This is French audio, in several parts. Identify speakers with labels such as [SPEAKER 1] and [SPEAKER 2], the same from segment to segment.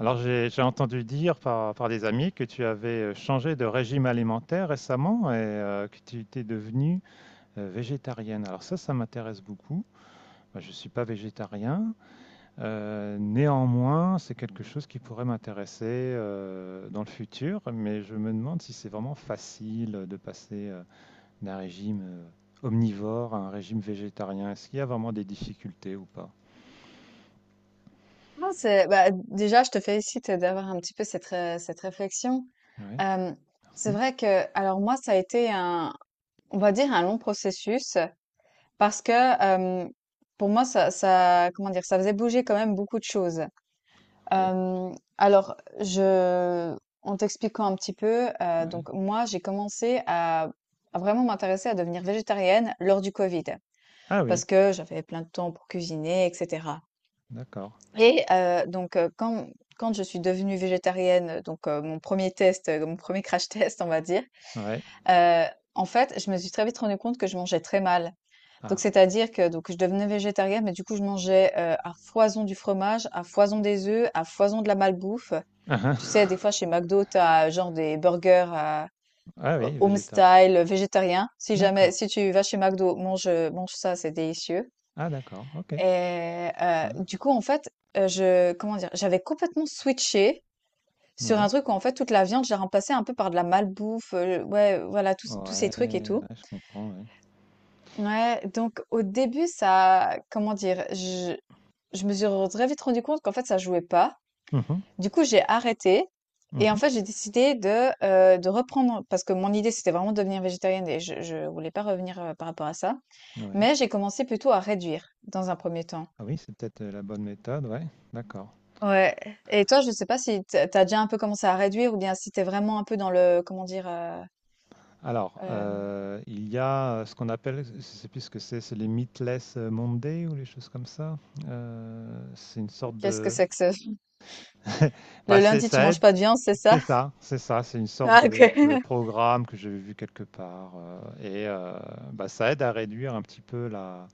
[SPEAKER 1] Alors j'ai entendu dire par des amis que tu avais changé de régime alimentaire récemment et que tu étais devenue végétarienne. Alors ça m'intéresse beaucoup. Moi, je ne suis pas végétarien. Néanmoins, c'est quelque chose qui pourrait m'intéresser dans le futur, mais je me demande si c'est vraiment facile de passer d'un régime omnivore à un régime végétarien. Est-ce qu'il y a vraiment des difficultés ou pas?
[SPEAKER 2] Non, c'est bah, déjà, je te félicite d'avoir un petit peu cette réflexion.
[SPEAKER 1] Oui,
[SPEAKER 2] Euh, c'est
[SPEAKER 1] merci.
[SPEAKER 2] vrai que, alors moi, ça a été un, on va dire, un long processus parce que pour moi, ça, comment dire, ça faisait bouger quand même beaucoup de choses.
[SPEAKER 1] Oui,
[SPEAKER 2] Euh, alors, je, En t'expliquant un petit peu,
[SPEAKER 1] oui.
[SPEAKER 2] donc moi, j'ai commencé à vraiment m'intéresser à devenir végétarienne lors du Covid
[SPEAKER 1] Ah oui,
[SPEAKER 2] parce que j'avais plein de temps pour cuisiner, etc.
[SPEAKER 1] d'accord.
[SPEAKER 2] Et donc quand je suis devenue végétarienne, donc mon premier test, mon premier crash test, on va dire,
[SPEAKER 1] Ouais.
[SPEAKER 2] heu, en fait, je me suis très vite rendue compte que je mangeais très mal. Donc
[SPEAKER 1] Ah.
[SPEAKER 2] c'est-à-dire que donc je devenais végétarienne, mais du coup, je mangeais, à foison du fromage, à foison des œufs, à foison de la malbouffe. Tu sais, des fois, chez McDo, t'as as genre des burgers à
[SPEAKER 1] Ah
[SPEAKER 2] ho
[SPEAKER 1] oui,
[SPEAKER 2] home
[SPEAKER 1] végétarien.
[SPEAKER 2] style, végétarien. Si jamais
[SPEAKER 1] D'accord.
[SPEAKER 2] si tu vas chez McDo, mange, mange ça, c'est délicieux.
[SPEAKER 1] Ah d'accord, OK.
[SPEAKER 2] Et
[SPEAKER 1] Ouais.
[SPEAKER 2] du coup, en fait, je comment dire? J'avais complètement switché sur
[SPEAKER 1] Ouais.
[SPEAKER 2] un truc où, en fait, toute la viande, j'ai remplacé un peu par de la malbouffe, ouais, voilà, tous ces
[SPEAKER 1] Ouais,
[SPEAKER 2] trucs et
[SPEAKER 1] ouais,
[SPEAKER 2] tout.
[SPEAKER 1] je comprends, ouais.
[SPEAKER 2] Ouais, donc au début, ça comment dire? Je me suis très vite rendu compte qu'en fait, ça jouait pas.
[SPEAKER 1] Mhm.
[SPEAKER 2] Du coup, j'ai arrêté et en
[SPEAKER 1] Mhm.
[SPEAKER 2] fait, j'ai décidé de reprendre parce que mon idée, c'était vraiment de devenir végétarienne et je voulais pas revenir, par rapport à ça.
[SPEAKER 1] Ouais.
[SPEAKER 2] Mais j'ai commencé plutôt à réduire dans un premier temps.
[SPEAKER 1] Ah oui, c'est peut-être la bonne méthode, ouais. D'accord.
[SPEAKER 2] Ouais. Et toi, je sais pas si tu as déjà un peu commencé à réduire ou bien si t'es vraiment un peu dans le, comment dire,
[SPEAKER 1] Alors,
[SPEAKER 2] euh,
[SPEAKER 1] il y a ce qu'on appelle, je sais plus ce que c'est les Meatless Monday ou les choses comme ça. C'est une sorte
[SPEAKER 2] qu'est-ce que
[SPEAKER 1] de
[SPEAKER 2] c'est que ce...
[SPEAKER 1] Bah,
[SPEAKER 2] Le
[SPEAKER 1] c'est-
[SPEAKER 2] lundi, tu
[SPEAKER 1] ça
[SPEAKER 2] manges
[SPEAKER 1] aide.
[SPEAKER 2] pas de viande, c'est ça?
[SPEAKER 1] C'est ça, c'est ça, c'est une sorte
[SPEAKER 2] Ah,
[SPEAKER 1] de
[SPEAKER 2] ok.
[SPEAKER 1] programme que j'avais vu quelque part, et bah, ça aide à réduire un petit peu la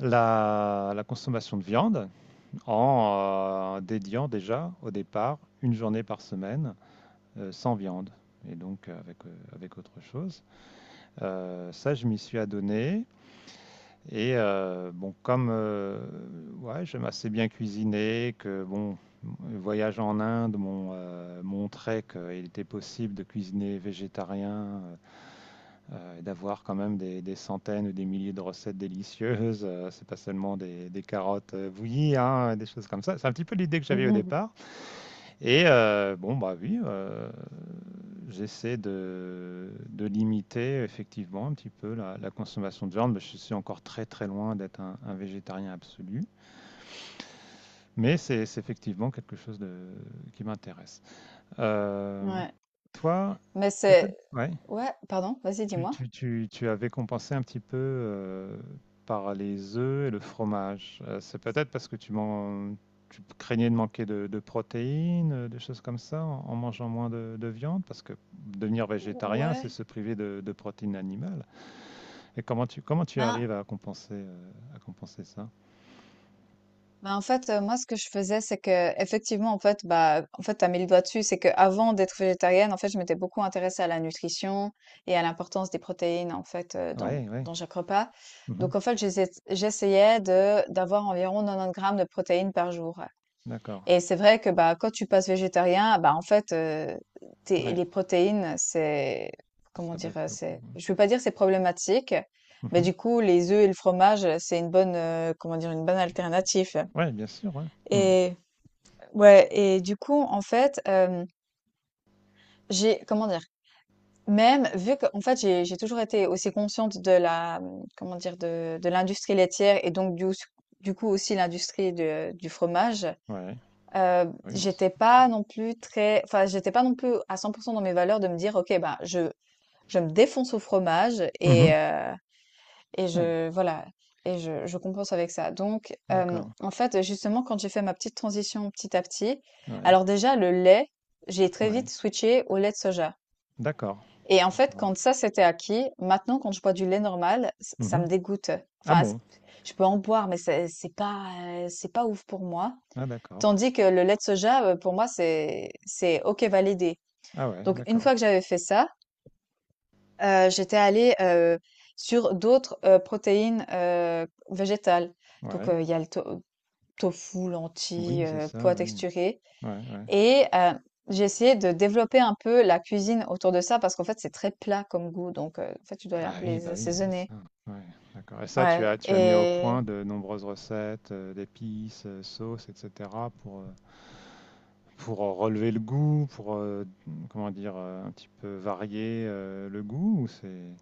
[SPEAKER 1] la la consommation de viande en, dédiant déjà, au départ, une journée par semaine, sans viande et donc, avec, avec autre chose. Ça, je m'y suis adonné. Et bon, comme ouais, j'aime assez bien cuisiner, que bon, le voyage en Inde m'ont montré qu'il était possible de cuisiner végétarien et d'avoir quand même des centaines ou des milliers de recettes délicieuses. C'est pas seulement des carottes bouillies, hein, des choses comme ça. C'est un petit peu l'idée que j'avais au départ. Et bon, bah oui, j'essaie de limiter effectivement un petit peu la, la consommation de viande, mais je suis encore très loin d'être un végétarien absolu, mais c'est effectivement quelque chose de, qui m'intéresse. Euh,
[SPEAKER 2] Ouais.
[SPEAKER 1] Toi,
[SPEAKER 2] Mais
[SPEAKER 1] peut-être,
[SPEAKER 2] c'est...
[SPEAKER 1] ouais.
[SPEAKER 2] Ouais, pardon, vas-y,
[SPEAKER 1] Tu
[SPEAKER 2] dis-moi.
[SPEAKER 1] tu tu tu avais compensé un petit peu, par les œufs et le fromage. C'est peut-être parce que tu craignais de manquer de protéines, des choses comme ça, en en mangeant moins de viande? Parce que devenir végétarien, c'est
[SPEAKER 2] Ouais.
[SPEAKER 1] se priver de protéines animales, et comment tu
[SPEAKER 2] Ben,
[SPEAKER 1] arrives à compenser ça?
[SPEAKER 2] Bah, en fait, moi, ce que je faisais, c'est que effectivement, en fait, bah, en fait, tu as mis le doigt dessus, c'est que avant d'être végétarienne, en fait, je m'étais beaucoup intéressée à la nutrition et à l'importance des protéines, en fait, dans
[SPEAKER 1] Ouais, ouais.
[SPEAKER 2] dans chaque repas.
[SPEAKER 1] Mmh.
[SPEAKER 2] Donc en fait, j'essayais de d'avoir environ 90 grammes de protéines par jour
[SPEAKER 1] D'accord.
[SPEAKER 2] et c'est vrai que, bah, quand tu passes végétarien, bah, en fait, tu
[SPEAKER 1] Ouais,
[SPEAKER 2] les protéines, c'est comment
[SPEAKER 1] ça
[SPEAKER 2] dire?
[SPEAKER 1] baisse beaucoup,
[SPEAKER 2] C'est
[SPEAKER 1] ouais.
[SPEAKER 2] je veux pas dire c'est problématique, mais
[SPEAKER 1] Mmh.
[SPEAKER 2] du coup, les œufs et le fromage, c'est une bonne, comment dire? Une bonne alternative.
[SPEAKER 1] Ouais, bien sûr, ouais. Mmh.
[SPEAKER 2] Et ouais, et du coup, en fait, j'ai, comment dire, même vu que, en fait, j'ai toujours été aussi consciente de la, comment dire, de l'industrie laitière et donc du coup aussi l'industrie du fromage,
[SPEAKER 1] Ouais.
[SPEAKER 2] euh,
[SPEAKER 1] Ah oui, on se
[SPEAKER 2] j'étais
[SPEAKER 1] on
[SPEAKER 2] pas non plus très, enfin, j'étais pas non plus à 100% dans mes valeurs de me dire, OK, bah, je me défonce au fromage et,
[SPEAKER 1] Mmh.
[SPEAKER 2] et
[SPEAKER 1] Ouais,
[SPEAKER 2] je voilà et je compense avec ça. Donc
[SPEAKER 1] d'accord.
[SPEAKER 2] en fait, justement, quand j'ai fait ma petite transition petit à petit,
[SPEAKER 1] Ouais,
[SPEAKER 2] alors déjà le lait, j'ai très
[SPEAKER 1] ouais.
[SPEAKER 2] vite switché au lait de soja
[SPEAKER 1] D'accord.
[SPEAKER 2] et en fait,
[SPEAKER 1] D'accord.
[SPEAKER 2] quand ça, c'était acquis, maintenant quand je bois du lait normal, ç ça
[SPEAKER 1] Mmh.
[SPEAKER 2] me dégoûte.
[SPEAKER 1] Ah
[SPEAKER 2] Enfin, c
[SPEAKER 1] bon?
[SPEAKER 2] Je peux en boire, mais c'est pas, c'est pas ouf pour moi.
[SPEAKER 1] Ah d'accord.
[SPEAKER 2] Tandis que le lait de soja, pour moi, c'est OK validé.
[SPEAKER 1] Ah ouais,
[SPEAKER 2] Donc une
[SPEAKER 1] d'accord.
[SPEAKER 2] fois que j'avais fait ça, j'étais allée, sur d'autres, protéines, végétales. Donc,
[SPEAKER 1] Ouais.
[SPEAKER 2] il y a le to tofu, lentilles,
[SPEAKER 1] Oui, c'est ça,
[SPEAKER 2] pois
[SPEAKER 1] oui.
[SPEAKER 2] texturés
[SPEAKER 1] Ouais, ouais.
[SPEAKER 2] et j'ai essayé de développer un peu la cuisine autour de ça parce qu'en fait, c'est très plat comme goût donc, en fait, tu dois aller un
[SPEAKER 1] Ah
[SPEAKER 2] peu
[SPEAKER 1] oui,
[SPEAKER 2] les
[SPEAKER 1] bah oui, c'est
[SPEAKER 2] assaisonner.
[SPEAKER 1] ça. Ouais, d'accord. Et ça, tu
[SPEAKER 2] Ouais
[SPEAKER 1] as tu as mis au
[SPEAKER 2] et
[SPEAKER 1] point de nombreuses recettes, d'épices, sauces et cetera pour, relever le goût, comment dire? Un petit peu varier, le goût ou c'est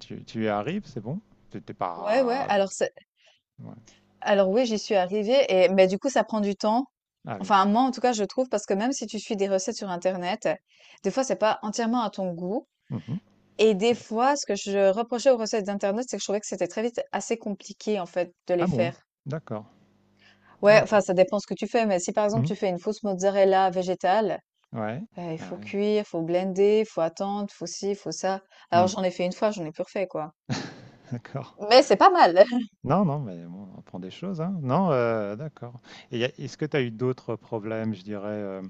[SPEAKER 1] tu y arrives, c'est bon? T'es étais
[SPEAKER 2] ouais, ouais,
[SPEAKER 1] pas ouais.
[SPEAKER 2] alors oui, j'y suis arrivée et mais du coup, ça prend du temps.
[SPEAKER 1] Ah oui.
[SPEAKER 2] Enfin, moi, en tout cas, je trouve parce que même si tu suis des recettes sur internet, des fois, c'est pas entièrement à ton goût.
[SPEAKER 1] Mmh.
[SPEAKER 2] Et des fois, ce que je reprochais aux recettes d'internet, c'est que je trouvais que c'était très vite assez compliqué, en fait, de les
[SPEAKER 1] Ah bon?
[SPEAKER 2] faire.
[SPEAKER 1] D'accord.
[SPEAKER 2] Ouais,
[SPEAKER 1] Ah ouais.
[SPEAKER 2] enfin, ça dépend ce que tu fais, mais si, par exemple,
[SPEAKER 1] Mmh.
[SPEAKER 2] tu fais une fausse mozzarella végétale,
[SPEAKER 1] Ouais.
[SPEAKER 2] il
[SPEAKER 1] Ah
[SPEAKER 2] faut
[SPEAKER 1] ouais.
[SPEAKER 2] cuire, faut blender, faut attendre, faut ci, faut ça. Alors
[SPEAKER 1] Mmh.
[SPEAKER 2] j'en ai fait une fois, j'en ai plus refait, quoi.
[SPEAKER 1] D'accord.
[SPEAKER 2] Mais c'est pas mal.
[SPEAKER 1] Non, non, mais bon, on apprend des choses, hein. Non, d'accord. Et est-ce que tu as eu d'autres problèmes, je dirais euh,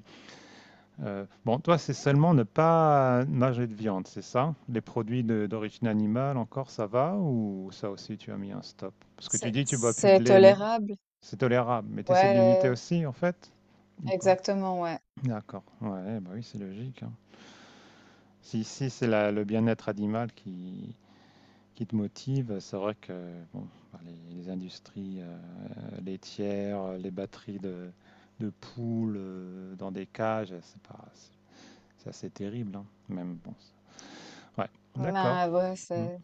[SPEAKER 1] euh, bon, toi, c'est seulement ne pas manger de viande, c'est ça? Les produits d'origine animale, encore, ça va? Ou ça aussi, tu as mis un stop? Parce que tu
[SPEAKER 2] C'est
[SPEAKER 1] dis que tu bois plus de lait, mais
[SPEAKER 2] tolérable.
[SPEAKER 1] c'est tolérable. Mais tu essaies de limiter
[SPEAKER 2] Ouais,
[SPEAKER 1] aussi, en fait? Ou pas?
[SPEAKER 2] exactement, ouais.
[SPEAKER 1] D'accord. Ouais, bah oui, c'est logique, hein. Si, si c'est le bien-être animal qui te motive, c'est vrai que bon, bah, les industries laitières, les batteries de poules dans des cages, c'est pas, c'est assez terrible, hein, même. Ouais, d'accord.
[SPEAKER 2] Ben, ouais,
[SPEAKER 1] Hmm.
[SPEAKER 2] c'est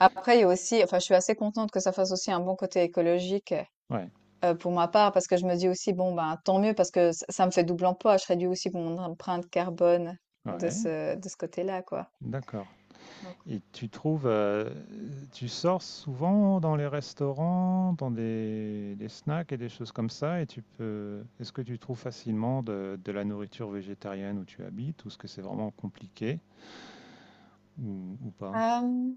[SPEAKER 2] après, il y a aussi, enfin, je suis assez contente que ça fasse aussi un bon côté écologique.
[SPEAKER 1] Ouais,
[SPEAKER 2] Pour ma part, parce que je me dis aussi, bon, ben, tant mieux, parce que ça me fait double emploi, je réduis aussi mon empreinte carbone
[SPEAKER 1] ouais,
[SPEAKER 2] de ce côté-là, quoi.
[SPEAKER 1] d'accord.
[SPEAKER 2] Donc,
[SPEAKER 1] Et tu trouves, tu sors souvent dans les restaurants, dans des snacks et des choses comme ça, et tu peux, est-ce que tu trouves facilement de la nourriture végétarienne où tu habites, ou est-ce que c'est vraiment compliqué, ou pas?
[SPEAKER 2] euh,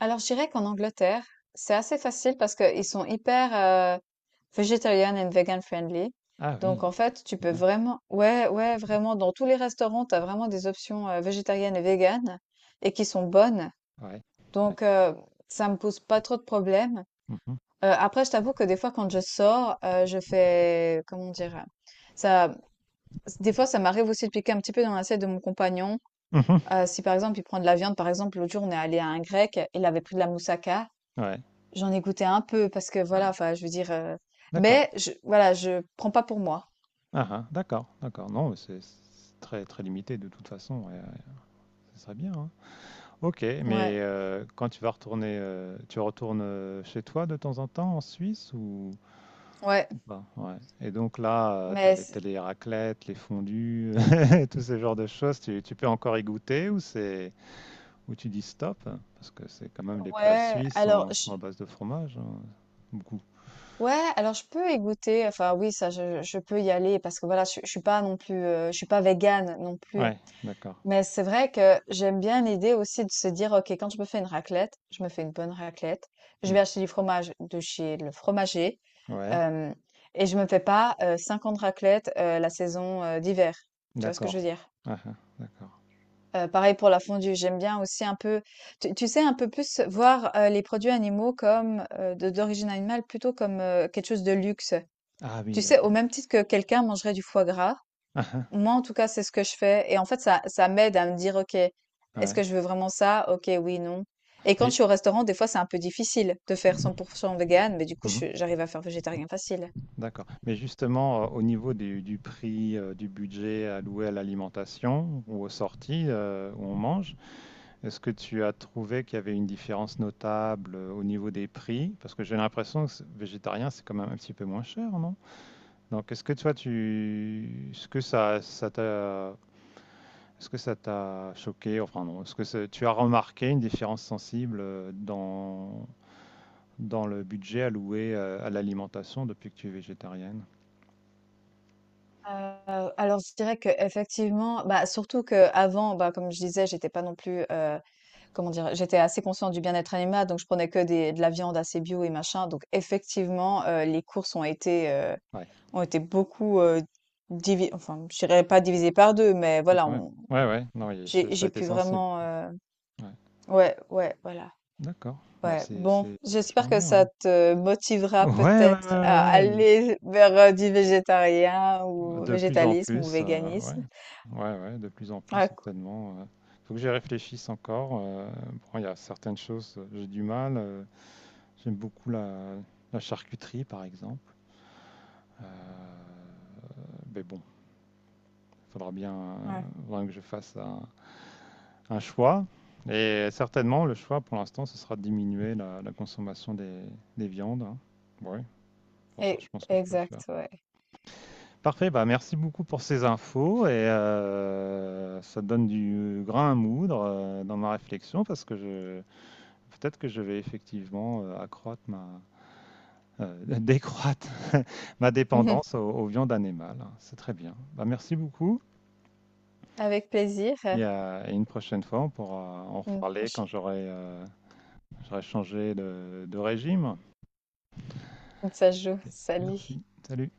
[SPEAKER 2] alors, je dirais qu'en Angleterre, c'est assez facile parce qu'ils sont hyper vegetarian and vegan friendly.
[SPEAKER 1] Ah oui,
[SPEAKER 2] Donc, en fait, tu peux
[SPEAKER 1] bien,
[SPEAKER 2] vraiment, ouais, ouais, vraiment, dans tous les restaurants, tu as vraiment des options végétariennes et véganes et qui sont bonnes.
[SPEAKER 1] ouais. Ouais.
[SPEAKER 2] Donc, ça me pose pas trop de problèmes.
[SPEAKER 1] Mhm.
[SPEAKER 2] Après je t'avoue que des fois quand je sors, je fais comment dire? Ça des fois ça m'arrive aussi de piquer un petit peu dans l'assiette de mon compagnon.
[SPEAKER 1] Mhm.
[SPEAKER 2] Si par exemple il prend de la viande, par exemple l'autre jour on est allés à un grec, il avait pris de la moussaka.
[SPEAKER 1] Ouais,
[SPEAKER 2] J'en ai goûté un peu parce que voilà,
[SPEAKER 1] ouais.
[SPEAKER 2] enfin je veux dire,
[SPEAKER 1] D'accord.
[SPEAKER 2] mais je voilà, je prends pas pour moi.
[SPEAKER 1] Ah ah, d'accord, d'accord. Non, mais c'est c'est très limité de toute façon, ouais, ouais. Ce serait bien, hein. Ok, mais
[SPEAKER 2] Ouais,
[SPEAKER 1] quand tu vas retourner, tu retournes chez toi de temps en temps en Suisse
[SPEAKER 2] ouais,
[SPEAKER 1] ou pas? Ouais. Et donc là, tu as
[SPEAKER 2] mais
[SPEAKER 1] les, t'as
[SPEAKER 2] c
[SPEAKER 1] les raclettes, les fondus, tous ces genres de choses. Tu peux encore y goûter ou c'est ou tu dis stop? Parce que c'est quand même les plats
[SPEAKER 2] ouais,
[SPEAKER 1] suisses
[SPEAKER 2] alors
[SPEAKER 1] sont,
[SPEAKER 2] je
[SPEAKER 1] sont à base de fromage, hein, beaucoup.
[SPEAKER 2] ouais, alors je peux y goûter, enfin oui ça je peux y aller parce que voilà je suis pas non plus, je suis pas végane non plus.
[SPEAKER 1] Ouais, d'accord.
[SPEAKER 2] Mais c'est vrai que j'aime bien l'idée aussi de se dire: «OK, quand je me fais une raclette, je me fais une bonne raclette. Je
[SPEAKER 1] Mmh.
[SPEAKER 2] vais acheter du fromage de chez le fromager,
[SPEAKER 1] Ouais,
[SPEAKER 2] hem et je me fais pas, 50 raclettes, la saison, d'hiver». Tu vois ce que je
[SPEAKER 1] d'accord.
[SPEAKER 2] veux dire?
[SPEAKER 1] Ah, hein, d'accord.
[SPEAKER 2] Pareil pour la fondue, j'aime bien aussi un peu tu sais, un peu plus voir, les produits animaux comme, de d'origine animale plutôt comme, quelque chose de luxe.
[SPEAKER 1] Ah oui,
[SPEAKER 2] Tu sais, au
[SPEAKER 1] d'accord.
[SPEAKER 2] même titre que quelqu'un mangerait du foie gras,
[SPEAKER 1] Ah, hein,
[SPEAKER 2] moi, en tout cas, c'est ce que je fais. Et en fait, ça m'aide à me dire, OK, est-ce
[SPEAKER 1] ouais.
[SPEAKER 2] que je veux vraiment ça? OK, oui, non. Et quand je
[SPEAKER 1] Mais
[SPEAKER 2] suis au restaurant, des fois, c'est un peu difficile de faire
[SPEAKER 1] mmh,
[SPEAKER 2] 100% vegan, mais du coup,
[SPEAKER 1] mmh,
[SPEAKER 2] j'arrive à faire végétarien facile.
[SPEAKER 1] d'accord. Mais justement, au niveau du prix, du budget alloué à l'alimentation ou aux sorties où on mange, est-ce que tu as trouvé qu'il y avait une différence notable au niveau des prix? Parce que j'ai l'impression que végétarien, c'est quand même un petit peu moins cher, non? Donc, est-ce que toi, tu, est-ce que ça t'a choqué, enfin non, est-ce que tu as remarqué une différence sensible dans, dans le budget alloué à l'alimentation depuis que tu es végétarienne?
[SPEAKER 2] Alors je dirais qu'effectivement, bah, surtout qu'avant, bah, comme je disais, j'étais pas non plus, comment dire? J'étais assez consciente du bien-être animal, donc je prenais que des de la viande assez bio et machin, donc effectivement, les courses
[SPEAKER 1] Ouais,
[SPEAKER 2] ont été beaucoup, divi enfin, je dirais pas divisées par 2, mais
[SPEAKER 1] ah,
[SPEAKER 2] voilà,
[SPEAKER 1] quand même.
[SPEAKER 2] on
[SPEAKER 1] Ouais, ouais, non, il ça a
[SPEAKER 2] j'ai
[SPEAKER 1] été
[SPEAKER 2] pu
[SPEAKER 1] sensible.
[SPEAKER 2] vraiment,
[SPEAKER 1] Ouais.
[SPEAKER 2] ouais, ouais, voilà,
[SPEAKER 1] D'accord, bah,
[SPEAKER 2] ouais. Bon,
[SPEAKER 1] c'est vachement
[SPEAKER 2] j'espère que
[SPEAKER 1] bien, hein.
[SPEAKER 2] ça te motivera
[SPEAKER 1] Ouais, ouais,
[SPEAKER 2] peut-être à
[SPEAKER 1] ouais, ouais.
[SPEAKER 2] aller vers, du végétarien ou
[SPEAKER 1] De plus en
[SPEAKER 2] végétalisme ou
[SPEAKER 1] plus, ouais.
[SPEAKER 2] véganisme.
[SPEAKER 1] Ouais, ouais, de plus en plus,
[SPEAKER 2] Ouais, cool.
[SPEAKER 1] certainement, ouais. Faut que j'y réfléchisse encore. Bon, il y a certaines choses, j'ai du mal. J'aime beaucoup la, la charcuterie, par exemple. Euh, mais bon, il faudra bien
[SPEAKER 2] Ouais,
[SPEAKER 1] que je fasse un, choix. Et certainement, le choix pour l'instant, ce sera de diminuer la, la consommation des viandes, hein. Oui, pour ça,
[SPEAKER 2] et
[SPEAKER 1] je pense que je peux le faire.
[SPEAKER 2] exact, ouais.
[SPEAKER 1] Parfait, bah merci beaucoup pour ces infos. Et ça donne du grain à moudre dans ma réflexion parce que je, peut-être que je vais effectivement accroître ma, décroître ma dépendance aux, aux viandes animales. C'est très bien. Bah, merci beaucoup.
[SPEAKER 2] Avec plaisir. À
[SPEAKER 1] Et une prochaine fois, on pourra en
[SPEAKER 2] Une
[SPEAKER 1] reparler quand
[SPEAKER 2] prochaine.
[SPEAKER 1] j'aurai j'aurai changé de régime.
[SPEAKER 2] Ça se joue.
[SPEAKER 1] Ok, merci.
[SPEAKER 2] Salut.
[SPEAKER 1] Salut.